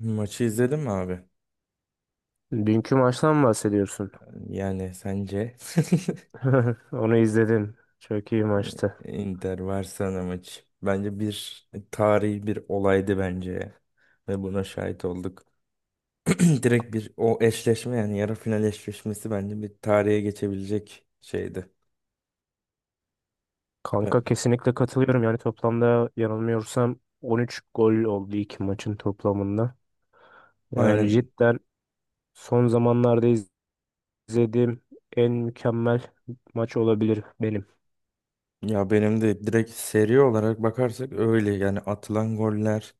Maçı izledin mi abi? Dünkü maçtan mı bahsediyorsun? Yani sence Onu izledim. Çok iyi maçtı. Inter Barcelona maçı. Bence bir tarihi bir olaydı bence ya. Ve buna şahit olduk. Direkt bir o eşleşme yani yarı final eşleşmesi bence bir tarihe geçebilecek şeydi. Ya, Kanka kesinlikle katılıyorum. Yani toplamda yanılmıyorsam 13 gol oldu iki maçın toplamında. Yani aynen. cidden son zamanlarda izlediğim en mükemmel maç olabilir benim. Ya benim de direkt seri olarak bakarsak öyle yani atılan goller,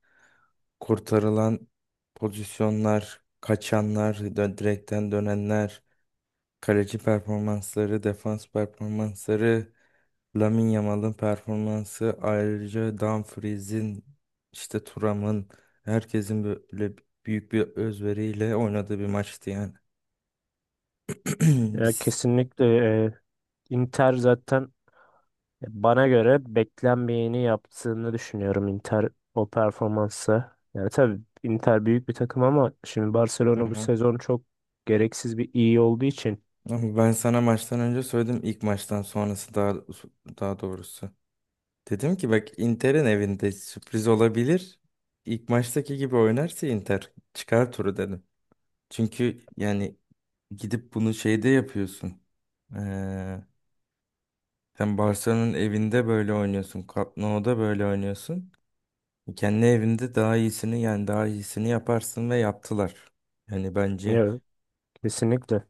kurtarılan pozisyonlar, kaçanlar, direkten dönenler. Kaleci performansları, defans performansları, Lamine Yamal'ın performansı, ayrıca Dumfries'in, işte Thuram'ın, herkesin böyle büyük bir özveriyle oynadığı bir maçtı yani. Ya Biz. kesinlikle, e, Inter zaten bana göre beklenmeyeni yaptığını düşünüyorum, Inter o performansı. Yani tabii Inter büyük bir takım ama şimdi Hı Barcelona bu hı. sezon çok gereksiz bir iyi olduğu için. Ama ben sana maçtan önce söyledim ilk maçtan sonrası daha doğrusu. Dedim ki bak Inter'in evinde sürpriz olabilir. İlk maçtaki gibi oynarsa Inter çıkar turu dedim. Çünkü yani gidip bunu şeyde yapıyorsun. Ee, Sen Barcelona'nın evinde böyle oynuyorsun. Camp Nou'da böyle oynuyorsun. Kendi evinde daha iyisini yani daha iyisini yaparsın ve yaptılar. Yani bence Evet, kesinlikle.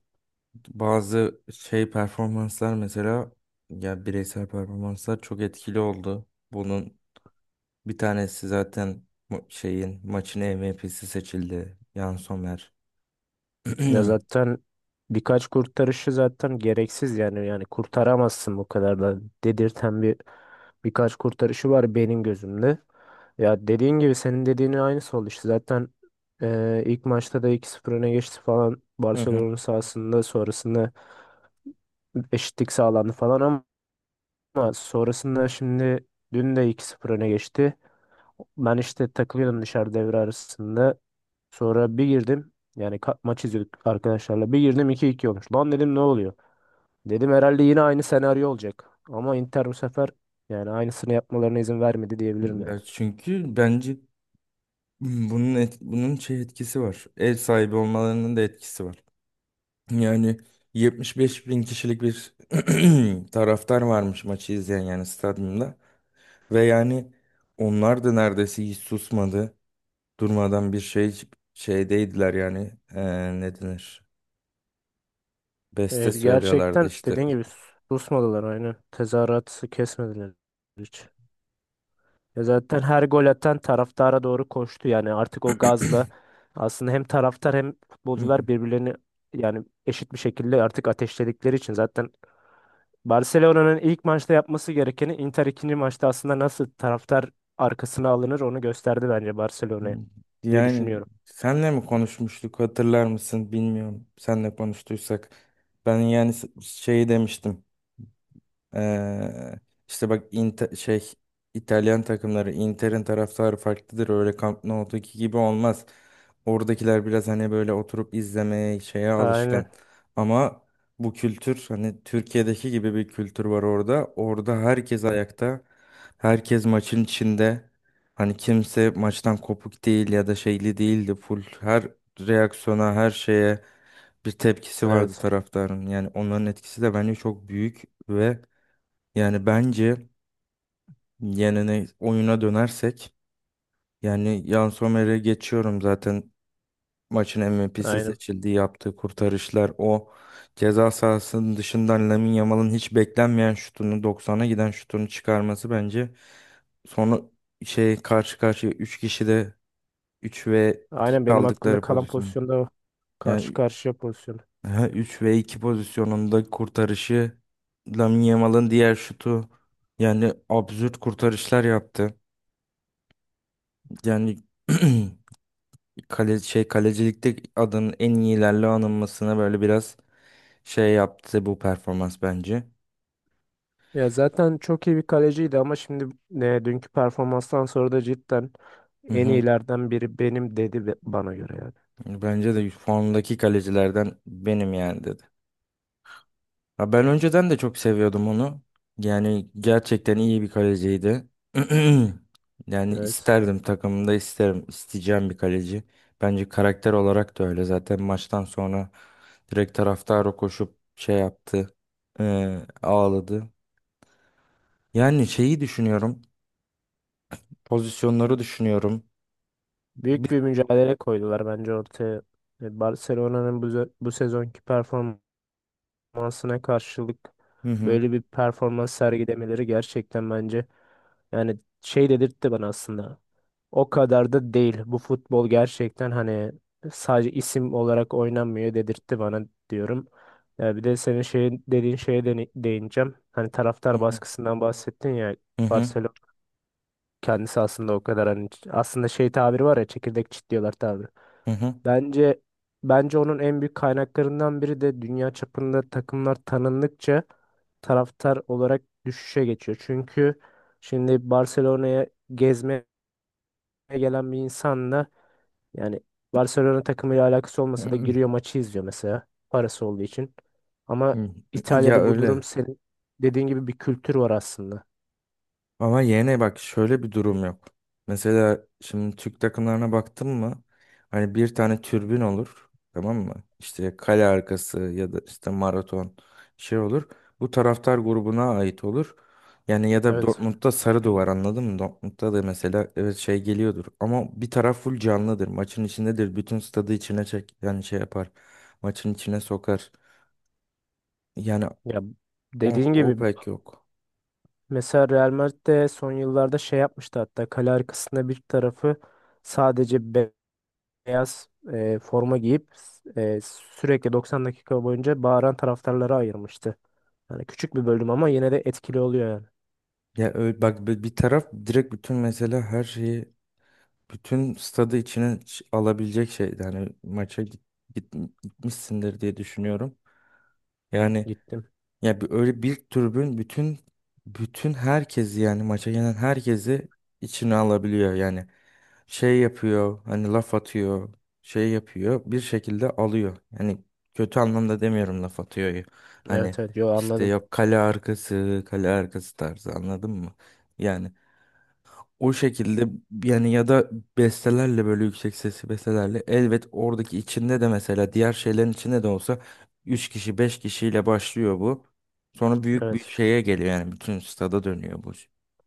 bazı şey performanslar mesela ya bireysel performanslar çok etkili oldu. Bunun bir tanesi zaten şeyin maçın MVP'si seçildi. Yann Sommer. Ya zaten birkaç kurtarışı zaten gereksiz, yani kurtaramazsın bu kadar da dedirten bir birkaç kurtarışı var benim gözümde. Ya dediğin gibi senin dediğinin aynısı oldu işte zaten, ilk maçta da iki 0 öne geçti falan Hı hı. Barcelona sahasında, sonrasında eşitlik sağlandı falan ama sonrasında şimdi dün de iki 0 öne geçti. Ben işte takılıyordum dışarı devre arasında. Sonra bir girdim. Yani maç izliyorduk arkadaşlarla. Bir girdim, 2-2 olmuş. Lan dedim ne oluyor? Dedim herhalde yine aynı senaryo olacak. Ama Inter bu sefer yani aynısını yapmalarına izin vermedi diyebilirim yani. Ya çünkü bence bunun bunun şey etkisi var. Ev sahibi olmalarının da etkisi var. Yani 75 bin kişilik bir taraftar varmış maçı izleyen yani stadyumda. Ve yani onlar da neredeyse hiç susmadı. Durmadan bir şey şeydeydiler yani. Ne denir? Beste Evet, söylüyorlardı gerçekten işte. dediğin gibi susmadılar, aynı. Tezahüratı kesmediler hiç. Ya zaten her gol atan taraftara doğru koştu, yani artık o gazla aslında hem taraftar hem Hı hı. futbolcular birbirlerini yani eşit bir şekilde artık ateşledikleri için zaten Barcelona'nın ilk maçta yapması gerekeni Inter ikinci maçta aslında nasıl taraftar arkasına alınır onu gösterdi bence Barcelona'ya diye Yani düşünüyorum. senle mi konuşmuştuk hatırlar mısın bilmiyorum. Senle konuştuysak ben yani şey demiştim. Ee, işte bak şey İtalyan takımları Inter'in taraftarı farklıdır. Öyle Camp Nou'daki gibi olmaz. Oradakiler biraz hani böyle oturup izlemeye şeye alışkın. Aynen. Ama bu kültür hani Türkiye'deki gibi bir kültür var orada. Orada herkes ayakta. Herkes maçın içinde. Hani kimse maçtan kopuk değil ya da şeyli değildi. Full her reaksiyona, her şeye bir tepkisi vardı Evet. taraftarın. Yani onların etkisi de bence çok büyük ve yani bence yenene oyuna dönersek yani Yann Sommer'e geçiyorum zaten maçın MVP'si Aynen. seçildi yaptığı kurtarışlar o ceza sahasının dışından Lamine Yamal'ın hiç beklenmeyen şutunu doksan'a giden şutunu çıkarması bence sonra şey karşı karşıya 3 kişi de 3 ve 2 Aynen benim aklımda kaldıkları kalan pozisyon pozisyonda o. Karşı yani karşıya pozisyon. 3 ve 2 pozisyonunda kurtarışı Lamine Yamal'ın diğer şutu yani absürt kurtarışlar yaptı. Yani kale, şey kalecilikte adının en iyilerle anılmasına böyle biraz şey yaptı bu performans bence. Ya zaten çok iyi bir kaleciydi ama şimdi, dünkü performanstan sonra da cidden Hı en hı. iyilerden biri benim dedi bana göre yani. Bence de formdaki kalecilerden benim yani dedi. Ya ben önceden de çok seviyordum onu. Yani gerçekten iyi bir kaleciydi. Yani Evet. isterdim takımımda isterim. İsteyeceğim bir kaleci. Bence karakter olarak da öyle. Zaten maçtan sonra direkt taraftara koşup şey yaptı. Ağladı. Yani şeyi düşünüyorum. Pozisyonları düşünüyorum. Büyük Bi- bir mücadele koydular bence ortaya. Barcelona'nın bu sezonki performansına karşılık Hı hı. böyle bir performans sergilemeleri gerçekten bence yani şey dedirtti bana aslında. O kadar da değil. Bu futbol gerçekten hani sadece isim olarak oynanmıyor dedirtti bana diyorum. Ya bir de senin şeyin dediğin şeye de değineceğim. Hani Hı taraftar hı. baskısından bahsettin ya. Hı hı. Barcelona kendisi aslında o kadar hani aslında şey tabiri var ya, çekirdek çitliyorlar tabiri. Hı hı. Bence bence onun en büyük kaynaklarından biri de dünya çapında takımlar tanındıkça taraftar olarak düşüşe geçiyor. Çünkü şimdi Barcelona'ya gezmeye gelen bir insanla yani Barcelona takımıyla alakası olmasa da Hı giriyor, maçı izliyor mesela, parası olduğu için. Ama hı. Ya İtalya'da bu durum öyle. senin dediğin gibi bir kültür var aslında. Ama yine bak şöyle bir durum yok. Mesela şimdi Türk takımlarına baktın mı? Hani bir tane türbün olur. Tamam mı? İşte kale arkası ya da işte maraton şey olur. Bu taraftar grubuna ait olur. Yani ya da Evet. Dortmund'da sarı duvar anladın mı? Dortmund'da da mesela evet şey geliyordur. Ama bir taraf full canlıdır. Maçın içindedir. Bütün stadı içine çek yani şey yapar. Maçın içine sokar. Yani Ya o, dediğin o gibi pek yok. mesela Real Madrid de son yıllarda şey yapmıştı, hatta kale arkasında bir tarafı sadece beyaz, forma giyip, sürekli 90 dakika boyunca bağıran taraftarlara ayırmıştı. Yani küçük bir bölüm ama yine de etkili oluyor yani. Ya öyle, bak bir taraf direkt bütün mesela her şeyi bütün stadı içine alabilecek şey yani maça git, git- gitmişsindir diye düşünüyorum. Yani Gittim. ya bir, öyle bir tribün bütün herkesi yani maça gelen herkesi içine alabiliyor yani şey yapıyor hani laf atıyor şey yapıyor bir şekilde alıyor. Yani kötü anlamda demiyorum laf atıyor hani Evet, evet, yo, işte anladım. yok kale arkası kale arkası tarzı anladın mı? Yani o şekilde yani ya da bestelerle böyle yüksek sesli bestelerle elbet oradaki içinde de mesela diğer şeylerin içinde de olsa 3 kişi 5 kişiyle başlıyor bu. Sonra büyük bir Evet. şeye geliyor yani bütün stada dönüyor bu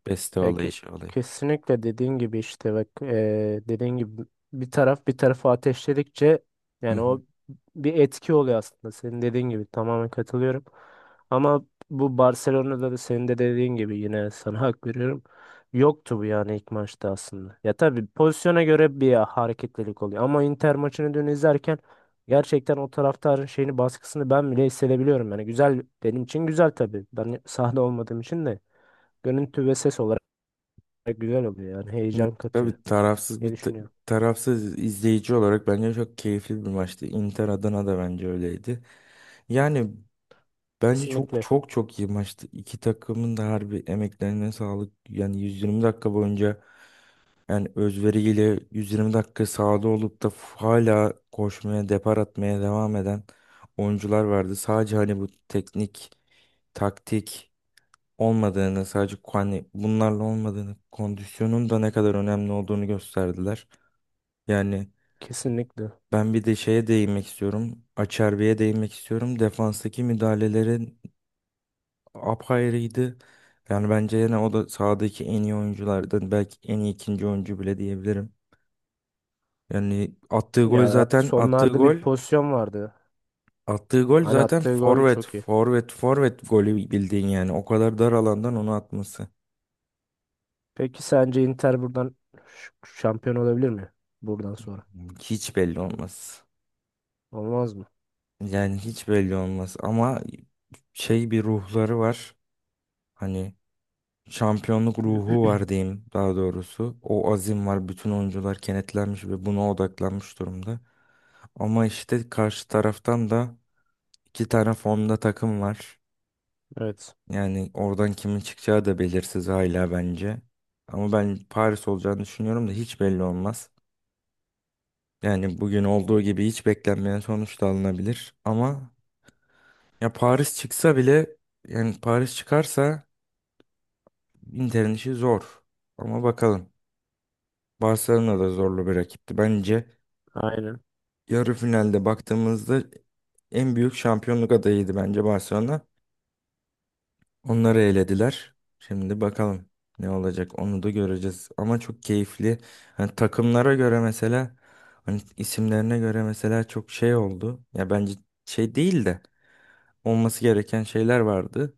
beste Ya olayı şey olayı. kesinlikle dediğin gibi, işte bak, dediğin gibi bir taraf bir tarafı ateşledikçe Hı yani hı. o bir etki oluyor aslında, senin dediğin gibi tamamen katılıyorum. Ama bu Barcelona'da da senin de dediğin gibi yine sana hak veriyorum. Yoktu bu yani ilk maçta aslında. Ya tabii pozisyona göre bir hareketlilik oluyor ama Inter maçını dün izlerken gerçekten o taraftarın şeyini, baskısını ben bile hissedebiliyorum. Yani güzel, benim için güzel tabii. Ben sahada olmadığım için de görüntü ve ses olarak güzel oluyor, yani Evet, heyecan katıyor tabii tarafsız diye bir düşünüyorum. tarafsız izleyici olarak bence çok keyifli bir maçtı. Inter Adana da bence öyleydi. Yani bence çok Kesinlikle. çok çok iyi maçtı. İki takımın da harbi emeklerine sağlık. Yani 120 dakika boyunca yani özveriyle 120 dakika sahada olup da hala koşmaya, depar atmaya devam eden oyuncular vardı. Sadece hani bu teknik, taktik olmadığını, sadece hani bunlarla olmadığını, kondisyonun da ne kadar önemli olduğunu gösterdiler. Yani Kesinlikle. ben bir de şeye değinmek istiyorum. Açerbi'ye değinmek istiyorum. Defanstaki müdahalelerin apayrıydı. Yani bence yine o da sahadaki en iyi oyunculardan belki en iyi ikinci oyuncu bile diyebilirim. Yani attığı gol Ya zaten attığı sonlarda bir gol pozisyon vardı. attığı gol Hani zaten attığı gol çok iyi. Forvet golü bildiğin yani o kadar dar alandan onu atması Peki sence Inter buradan ş- şampiyon olabilir mi? Buradan sonra. hiç belli olmaz. Olmaz mı? Yani hiç belli olmaz ama şey bir ruhları var. Hani şampiyonluk ruhu var diyeyim daha doğrusu. O azim var bütün oyuncular kenetlenmiş ve buna odaklanmış durumda. Ama işte karşı taraftan da iki tane formda takım var. Evet. Yani oradan kimin çıkacağı da belirsiz hala bence. Ama ben Paris olacağını düşünüyorum da hiç belli olmaz. Yani bugün olduğu gibi hiç beklenmeyen sonuç da alınabilir. Ama ya Paris çıksa bile yani Paris çıkarsa Inter'in işi zor. Ama bakalım. Barcelona da zorlu bir rakipti. Bence Aynen. yarı finalde baktığımızda en büyük şampiyonluk adayıydı bence Barcelona. Onları elediler. Şimdi bakalım ne olacak onu da göreceğiz. Ama çok keyifli. Hani takımlara göre mesela hani isimlerine göre mesela çok şey oldu. Ya bence şey değil de olması gereken şeyler vardı.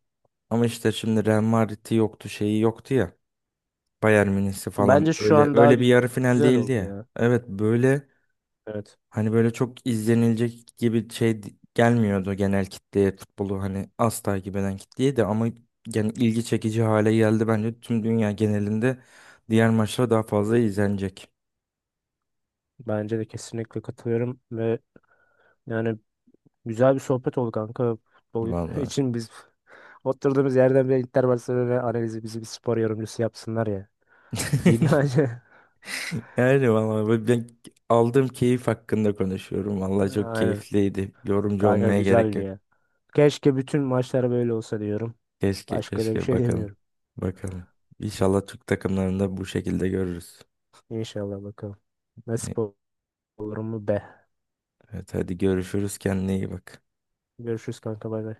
Ama işte şimdi Real Madrid'i yoktu, şeyi yoktu ya. Bayern Münih'si falan Bence şu öyle an daha öyle bir yarı final güzel değildi oldu ya. ya. Evet böyle Evet. hani böyle çok izlenilecek gibi gelmiyordu genel kitleye futbolu hani az takip eden kitleye de ama yani ilgi çekici hale geldi bence tüm dünya genelinde diğer maçlar daha fazla izlenecek. Bence de kesinlikle katılıyorum ve yani güzel bir sohbet oldu kanka. Futbol Vallahi. için biz oturduğumuz yerden bile Inter Barcelona analizi, bizi bir spor yorumcusu yapsınlar ya. İyi bence. Yani vallahi ben aldığım keyif hakkında konuşuyorum. Vallahi çok Aynen. keyifliydi. Yorumcu Kanka olmaya gerek güzeldi yok. ya. Keşke bütün maçlar böyle olsa diyorum. Başka da bir Keşke şey bakalım. demiyorum. Bakalım. İnşallah Türk takımlarında bu şekilde görürüz. İnşallah bakalım. Ne- Nasip olur mu be. Evet hadi görüşürüz. Kendine iyi bak. Görüşürüz kanka, bay bay.